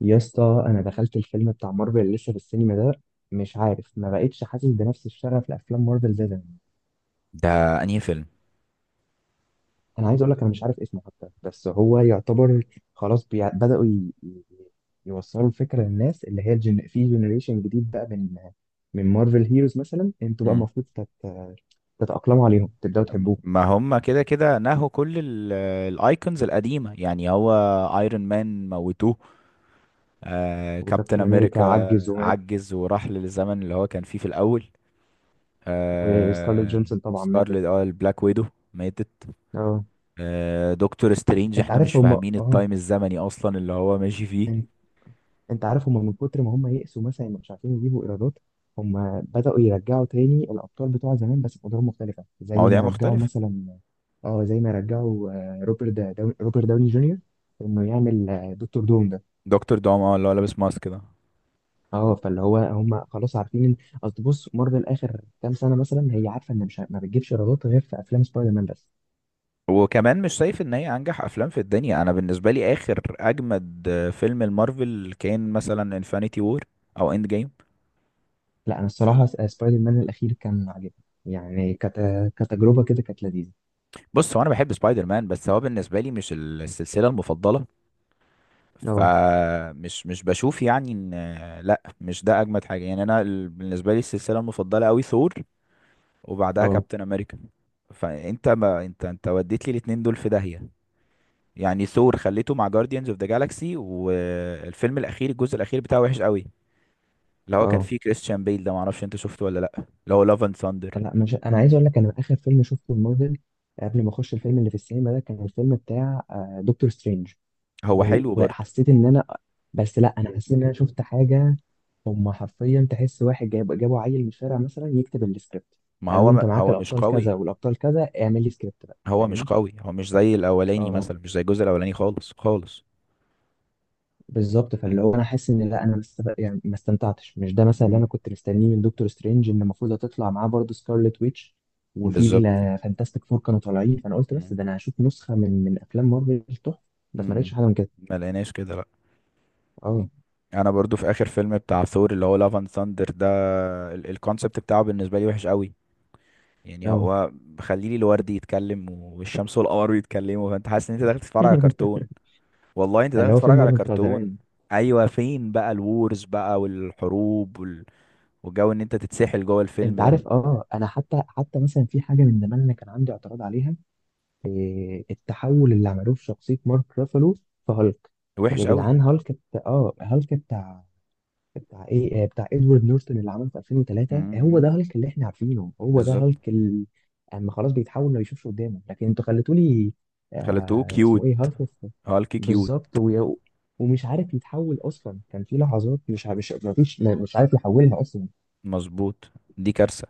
يا اسطى انا دخلت الفيلم بتاع مارفل اللي لسه في السينما ده. مش عارف ما بقتش حاسس بنفس الشغف لافلام مارفل زي زمان. ده انهي فيلم؟ انا عايز اقول لك انا مش عارف اسمه حتى، بس هو يعتبر خلاص بي... بداوا ي... ي- يوصلوا الفكره للناس اللي هي الجن... في جنريشن جديد بقى من مارفل هيروز. مثلا انتوا بقى مم. المفروض تتاقلموا عليهم، تبداوا تحبوهم. ما هم كده كده نهوا كل الايكونز القديمه، يعني هو ايرون مان موتوه، كابتن وكابتن امريكا امريكا عجز ومات، عجز وراح للزمن اللي هو كان فيه في الاول. وسكارليت آه جونسون طبعا ماتت. سكارلت، اه، البلاك ويدو ماتت. اه، دكتور سترينج انت احنا مش عارف هم، فاهمين اه التايم الزمني اصلا اللي هو ماشي فيه. انت عارف هم من كتر ما هم يئسوا مثلا مش عارفين يجيبوا ايرادات، هم بدأوا يرجعوا تاني الابطال بتوع زمان بس بأدوار مختلفة، زي مواضيع ما رجعوا مختلفه. مثلا، اه زي ما رجعوا روبرت دا داون روبرت داوني جونيور انه يعمل، دكتور دوم ده. دكتور دوم، اه، اللي هو لابس ماسك ده. اه فاللي هو هم خلاص عارفين ان، اصل بص مارفل اخر كام سنة مثلا هي عارفة ان مش ما بتجيبش ايرادات غير في افلام سبايدر مان بس. وكمان مش شايف ان هي انجح افلام في الدنيا؟ انا بالنسبه لي اخر اجمد فيلم المارفل كان مثلا انفينيتي وور او اند جيم. لا انا الصراحة سبايدر مان الاخير كان عاجبني، يعني كتجربة كده كانت لذيذة. بص، هو انا بحب سبايدر مان بس هو بالنسبه لي مش السلسله المفضله. اه، فمش مش بشوف يعني ان، لا، مش ده اجمد حاجه. يعني انا، بالنسبه لي السلسله المفضله قوي ثور وبعدها اه، كابتن امريكا. فانت، ما انت وديت لي الاتنين دول في داهيه. يعني ثور خليته مع جارديانز اوف ذا جالاكسي، والفيلم الاخير الجزء الاخير بتاعه وحش قوي، اللي هو كان اه، فيه كريستيان بيل ده، معرفش انت شفته ولا لأ، اللي هو لافن ساندر. لا مش، انا عايز اقول لك انا اخر فيلم شفته مارفل قبل ما اخش الفيلم اللي في السينما ده كان الفيلم بتاع دكتور سترينج. هو حلو و- برضه، وحسيت ان انا، بس لا انا حسيت ان انا شفت حاجه، هم حرفيا تحس واحد جابوا عيل من الشارع مثلا يكتب السكريبت، ما قالوا له هو انت ما معاك هو مش الابطال كذا قوي. والابطال كذا اعمل لي سكريبت بقى، هو مش فاهم؟ قوي، هو مش زي الأولاني اه مثلا، مش زي الجزء الأولاني خالص خالص. بالظبط. فاللي هو انا حاسس ان لا انا ما مست... يعني ما استمتعتش. مش ده مثلا اللي مم. انا كنت مستنيه من دكتور سترينج، ان المفروض هتطلع معاه برضه سكارلت ويتش وفي بالظبط. الفانتاستيك فور كانوا طالعين، فانا قلت بس مم. ده انا هشوف نسخه من افلام مارفل تحفه. بس ما مم. لقيتش حاجه من كده. ما لقيناش كده، لأ. اه، انا برضو في اخر فيلم بتاع ثور اللي هو لافن ثاندر ده، الكونسبت بتاعه بالنسبه لي وحش قوي. يعني اه. هو خليلي الورد يتكلم والشمس والقمر بيتكلموا، فانت حاسس ان انت داخل تتفرج على كرتون. والله انت داخل فاللي هو فين تتفرج على مارفل بتاع كرتون. زمان؟ ايوه، فين بقى الوورز بقى والحروب والجو ان انت تتسحل جوه انت الفيلم ده. عارف، اه انا حتى مثلا في حاجه من زمان انا كان عندي اعتراض عليها، إيه التحول اللي عملوه في شخصيه مارك رافالو في هالك. يا وحش قوي. جدعان هالك بت... اه هالك بتاع ايه؟ بتاع ادوارد نورتون اللي عمله في 2003، هو ده امم، هالك اللي احنا عارفينه، هو ده بالظبط. هالك اما خلاص بيتحول ما بيشوفش قدامه، لكن انتوا خليتوا لي خليته آه كيوت، اسمه ايه، هالك هالك كيوت. بالظبط. ويا- ومش عارف يتحول اصلا، كان في لحظات مش ما فيش ما- مش عارف يحولها اصلا. مظبوط، دي كارثة.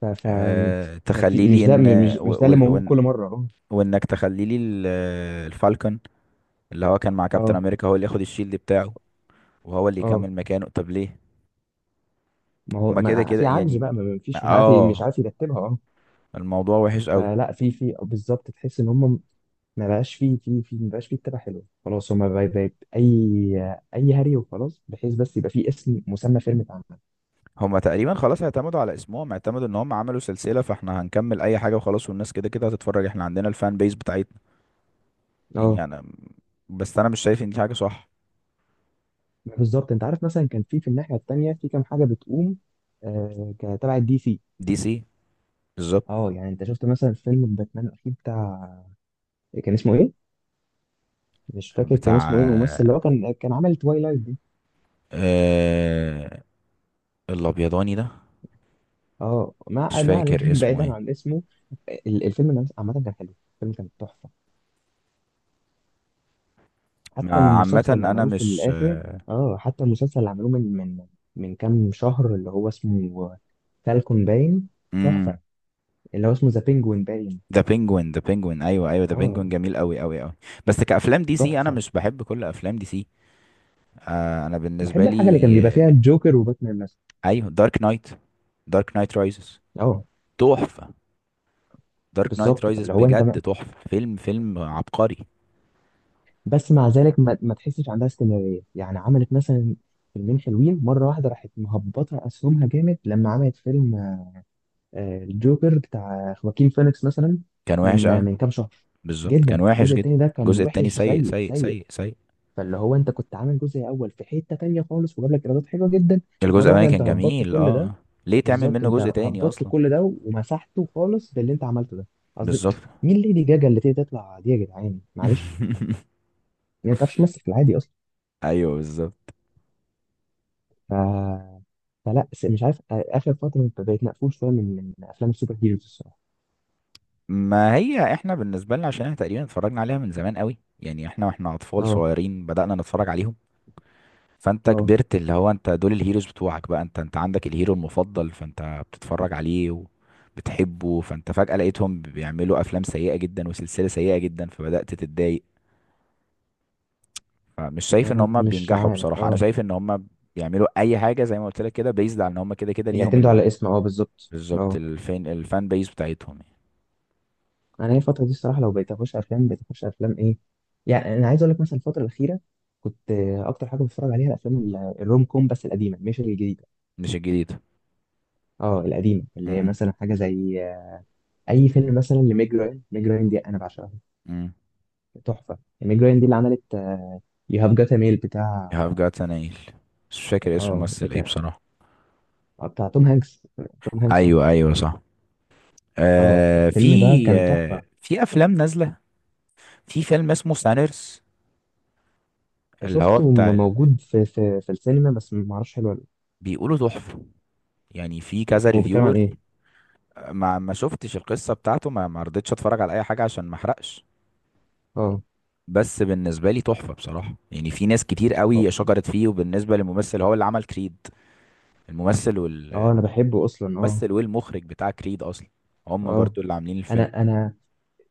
ف, ف أه، ما في تخلي لي مش ده، ان، و... مش ده اللي وال- موجود وان كل مره. اه، وانك تخلي لي الفالكون اللي هو كان مع كابتن اه، امريكا هو اللي ياخد الشيلد بتاعه وهو اللي اه، يكمل مكانه، طب ليه؟ ما هو هما كده ما كده في عجز يعني، بقى، ما ما فيش مش عارف مش اه، عارف يرتبها. اه الموضوع وحش قوي. فلا، في بالظبط تحس ان هم ما بقاش فيه فيه فيه ما بقاش فيه كتابة حلوة خلاص. هما بقت أي، أي هري وخلاص، بحيث بس يبقى فيه اسم مسمى فيلم اتعمل. هما تقريبا خلاص اعتمدوا على اسمهم، اعتمدوا ان هم عملوا سلسلة، فاحنا هنكمل اي حاجة وخلاص، والناس كده كده هتتفرج، احنا عندنا الفان بيس بتاعتنا. اه يعني انا، بس انا مش شايف ان دي حاجة صح. بالظبط. أنت عارف مثلا كان في الناحية التانية في كام حاجة بتقوم، كتبع الدي سي. دي سي، بالظبط. اه يعني أنت شفت مثلا فيلم باتمان الأخير بتاع، كان اسمه إيه؟ مش فاكر كان اسمه إيه، الممثل اللي بتاع، هو كان عامل توايلايت دي. آه، الابيضاني ده. اه مش ما ما فاكر علينا، اسمه بعيدا ايه. عن اسمه، الفيلم ده عامة كان حلو، الفيلم كان تحفة. حتى عامة المسلسل اللي انا عملوه في مش، الآخر، اه حتى المسلسل اللي عملوه من كام شهر اللي هو اسمه فالكون باين، امم، تحفة. اللي هو اسمه ذا بينجوين باين، ذا بينجوين، ذا بينجوين ايوه، ايوه ذا اه بينجوين جميل قوي قوي قوي. بس كافلام دي سي انا تحفة. مش بحب كل افلام دي سي. آه، انا بالنسبة بحب الحاجة اللي كان لي، بيبقى آه، فيها الجوكر وباتمان مثلا. ايوه، دارك نايت، دارك نايت رايزز اه تحفة. دارك نايت بالظبط. رايزز فاللي هو انت بجد ما... تحفة، فيلم فيلم عبقري. بس مع ذلك ما تحسش عندها استمرارية، يعني عملت مثلا فيلمين حلوين مرة واحدة راحت مهبطة أسهمها جامد لما عملت فيلم الجوكر بتاع خواكين فينيكس مثلا، كان وحش من قوي، كام شهر. بالظبط كان جدا وحش الجزء جدا. التاني ده كان الجزء التاني وحش، سيء سيء سيء سيء. سيء سيء. فاللي هو انت كنت عامل جزء اول في حته تانيه خالص وجاب لك ايرادات حلوه جدا، الجزء مره الاولاني واحده انت كان هبطت جميل، كل ده. اه. ليه تعمل بالظبط منه انت جزء تاني هبطت اصلا؟ كل ده ومسحته خالص باللي انت عملته ده، قصدي بالظبط. مين ليدي جاجا اللي تقدر تطلع دي يا جدعان معلش، يعني ما تعرفش تمثل في العادي اصلا. ايوه بالظبط. ف... فلا مش عارف، اخر فتره بقيت مقفول شويه من افلام السوبر هيروز الصراحه. ما هي احنا بالنسبة لنا، عشان احنا تقريبا اتفرجنا عليها من زمان قوي، يعني احنا واحنا اطفال اه، صغيرين بدأنا نتفرج عليهم. فانت اه، كبرت، اللي هو انت دول الهيروز بتوعك بقى، انت عندك الهيرو المفضل، فانت بتتفرج عليه وبتحبه، فانت فجأة لقيتهم بيعملوا افلام سيئة جدا وسلسلة سيئة جدا، فبدأت تتضايق. فمش شايف ان انا هم مش بينجحوا عارف، بصراحة. انا اه شايف ان هم بيعملوا اي حاجة زي ما قلت لك كده، بيزد على ان هم كده كده ليهم يعتمدوا على اسم، اه بالظبط، بالظبط. اه. الفين الفان بيز بتاعتهم يعني. انا هي الفتره دي الصراحه لو بقيت اخش افلام، بقيت اخش افلام ايه؟ يعني انا عايز اقول لك مثلا الفتره الاخيره كنت، اكتر حاجه بتفرج عليها الافلام الروم كوم، بس القديمه مش الجديده، مش الجديدة، اه القديمه اللي هي امم، مثلا حاجه زي اي فيلم مثلا لميج راين. ميج راين دي انا بعشقها، امم. تحفه. ميج راين دي اللي عملت يو هاف جات ميل You بتاع، have got an ale، بس مش فاكر اسم اه الممثل ايه بتاع، بصراحة. بتاع توم هانكس. توم هانكس، اه، ايوه ايوه صح. اه، آه الفيلم ده في، كان آه تحفه. في افلام نازلة، في فيلم اسمه سانرس اللي هو شفته بتاع موجود في في السينما بس ما اعرفش حلو ولا بيقولوا تحفة، يعني في لأ. كذا طب هو بيتكلم عن ريفيور. ايه؟ ما شفتش القصة بتاعته، ما رضيتش اتفرج على اي حاجة عشان ما احرقش. اه، بس بالنسبة لي تحفة بصراحة. يعني في ناس كتير اه، قوي شكرت فيه، وبالنسبة للممثل هو اللي عمل كريد. الممثل والممثل انا بحبه اصلا، اه، والمخرج بتاع كريد اصلا، هم اه. برضو اللي عاملين الفيلم. انا، انا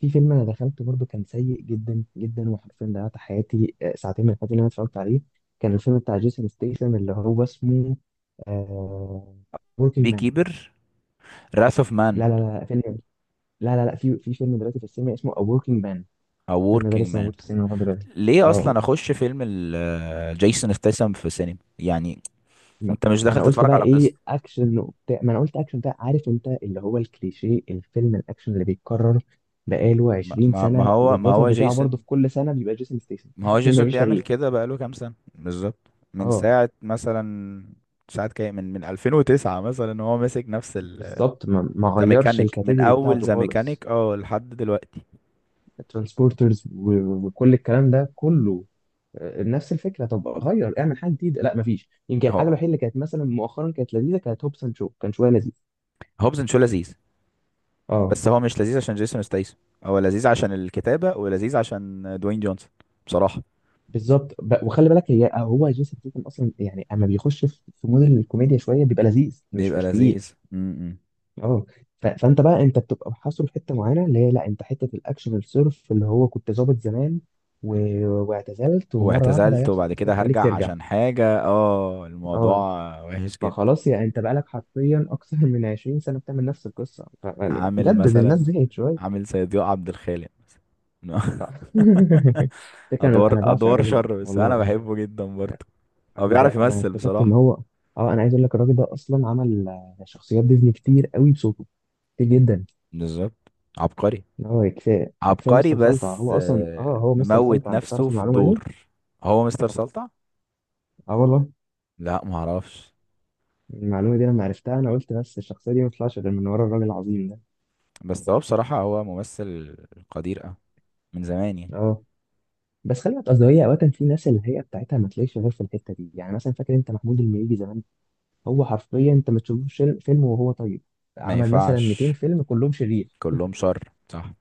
في فيلم انا دخلته برضو كان سيء جدا جدا، وحرفيا ضيعت حياتي، ساعتين من حياتي اللي انا اتفرجت عليه، كان الفيلم بتاع جيسون ستيثم اللي هو اسمه آه وركينج بي مان. كيبر، راث اوف مان، لا لا لا، فيلم، لا لا لا في فيلم دلوقتي في السينما اسمه A Working Man، او الفيلم ده وركينج لسه مان. موجود في السينما لغايه دلوقتي. ليه اه اصلا اخش فيلم جيسون ستاثام في سينما يعني؟ ما- انت مش داخل انا قلت تتفرج بقى على قصة. ايه اكشن وبتاع، ما انا قلت اكشن بتاع، عارف انت اللي هو الكليشيه، الفيلم الاكشن اللي بيتكرر بقاله ما 20 ما ما سنه هو ما والبطل هو بتاعه برضه جيسون، في كل سنه بيبقى جيسون ستيسن. ما هو جيسون مفيش بيعمل تغيير. كده بقاله كام سنة بالظبط، من اه ساعة مثلا، ساعة كام، من 2009 مثلا هو ماسك نفس ال، بالظبط، ما ذا غيرش ميكانيك، من الكاتيجوري أول بتاعته ذا خالص. ميكانيك اه لحد دلوقتي. ترانسبورترز وكل الكلام ده كله، نفس الفكره. طب غير، اعمل حاجه جديده، لا مفيش. يمكن الحاجه هو الوحيده اللي كانت مثلا مؤخرا كانت لذيذه كانت هوبس اند شو، كان شويه لذيذ. هوبزن شو لذيذ، اه بس هو مش لذيذ عشان جيسون ستايسون. هو لذيذ عشان الكتابة ولذيذ عشان دوين جونسون، بصراحة. بالظبط. ب- وخلي بالك هي، هو جيسون ستيتم اصلا يعني اما بيخش في مود الكوميديا شويه بيبقى لذيذ، مش بيبقى مش تقيل. لذيذ، م -م. اه ف- فانت بقى، انت بتبقى محاصر في حته معينه اللي هي، لا انت حته الاكشن الصرف اللي هو كنت ظابط زمان و... واعتزلت، ومره واحده واعتزلت هيحصل وبعد حاجه كده تخليك هرجع ترجع. عشان حاجة، اه، الموضوع اه وحش جدا. فخلاص، يعني انت بقالك حرفيا اكثر من 20 سنه بتعمل نفس القصه، يعني عامل جدد، الناس مثلا، زهقت شويه. عامل زي ضياء عبد الخالق مثلا. فكرة، ادوار أنا بعشق ادوار الراجل ده شر، بس انا والله. بحبه جدا برضه. هو الراجل ده بيعرف انا يمثل اكتشفت ان بصراحة، هو، اه انا عايز اقول لك الراجل ده اصلا عمل، شخصيات ديزني كتير قوي بصوته، كتير جدا. بالظبط. عبقري، إن هو كفايه، كفايه عبقري، مستر سلطع. بس هو اصلا، اه آه، هو مستر مموت سلطع، انت نفسه تعرف في المعلومه دي؟ الدور. هو مستر سلطع؟ اه والله. لا، معرفش. المعلومه دي لما عرفتها انا قلت بس الشخصيه دي ما تطلعش غير من ورا الراجل العظيم ده. بس هو بصراحة هو ممثل قدير أوي من زمان يعني. اه بس خلي بالك قصدي، هي اوقات في ناس الهيئه بتاعتها ما تلاقيش غير في الحته دي، يعني مثلا فاكر انت محمود المليجي زمان، هو حرفيا انت ما تشوفوش فيلم وهو طيب، ما عمل مثلا 200 ينفعش فيلم كلهم شرير. كلهم شر، صح.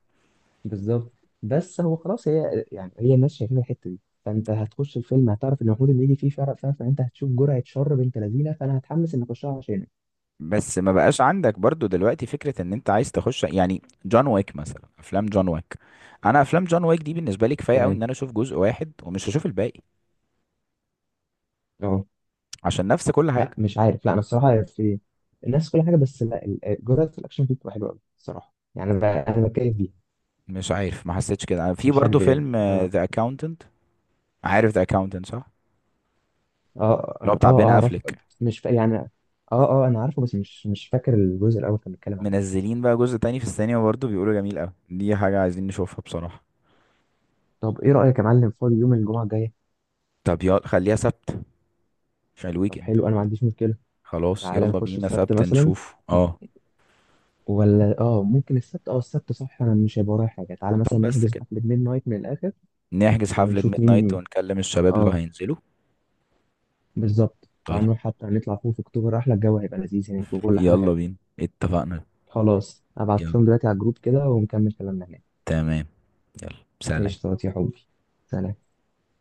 بالظبط. بس هو خلاص هي، يعني هي الناس شايفين الحته دي، فانت هتخش الفيلم هتعرف ان محمود اللي يجي فيه فرق، فاهم؟ فانت هتشوف جرعه شر بنت لذينه، فانا هتحمس اني اخشها عشانه. بس ما بقاش عندك برضو دلوقتي فكرة ان انت عايز تخش يعني جون ويك مثلا، افلام جون ويك. انا افلام جون ويك دي بالنسبة لي كفاية قوي تمام. ان انا اشوف جزء واحد ومش هشوف الباقي، اه عشان نفس كل لا حاجة. مش عارف، لا انا الصراحه في الناس كل حاجه، بس لا جرعه الاكشن فيه بتبقى حلوه قوي الصراحه، يعني انا بتكيف بيها، مش عارف، ما حسيتش كده. أنا في مش برضو هكدب يعني، فيلم اه، ذا اكاونتنت، عارف ذا اكاونتنت صح؟ اه، اللي هو اه، اه، بتاع أه، بين اعرف. افليك. مش فا... يعني اه، اه انا عارفه بس مش فاكر الجزء الاول كان بيتكلم عن ايه. منزلين بقى جزء تاني في السينما برضو، بيقولوا جميل قوي، دي حاجة عايزين نشوفها بصراحة. طب ايه رايك يا معلم فاضي يوم الجمعه الجايه؟ طب يلا خليها سبت عشان طب الويكند. حلو انا ما عنديش مشكله. خلاص، تعالى يلا نخش بينا السبت سبت مثلا، نشوف، اه. ولا اه، ممكن السبت، اه السبت صح، انا مش هيبقى ورايا حاجه، تعالى طب مثلا بس نحجز كده، حفله ميد نايت من الاخر نحجز حفلة ونشوف ميد نايت مين. ونكلم الشباب لو اه هينزلوا. بالظبط، طيب، تعالى نروح حتى نطلع فوق في اكتوبر، احلى، الجو هيبقى لذيذ هناك وكل حاجه يلا حلوه. بينا، اتفقنا. خلاص ابعت يلا، لهم دلوقتي على الجروب كده ونكمل كلامنا هناك. تمام، يلا ايش سلام. يا حبي؟ سلام.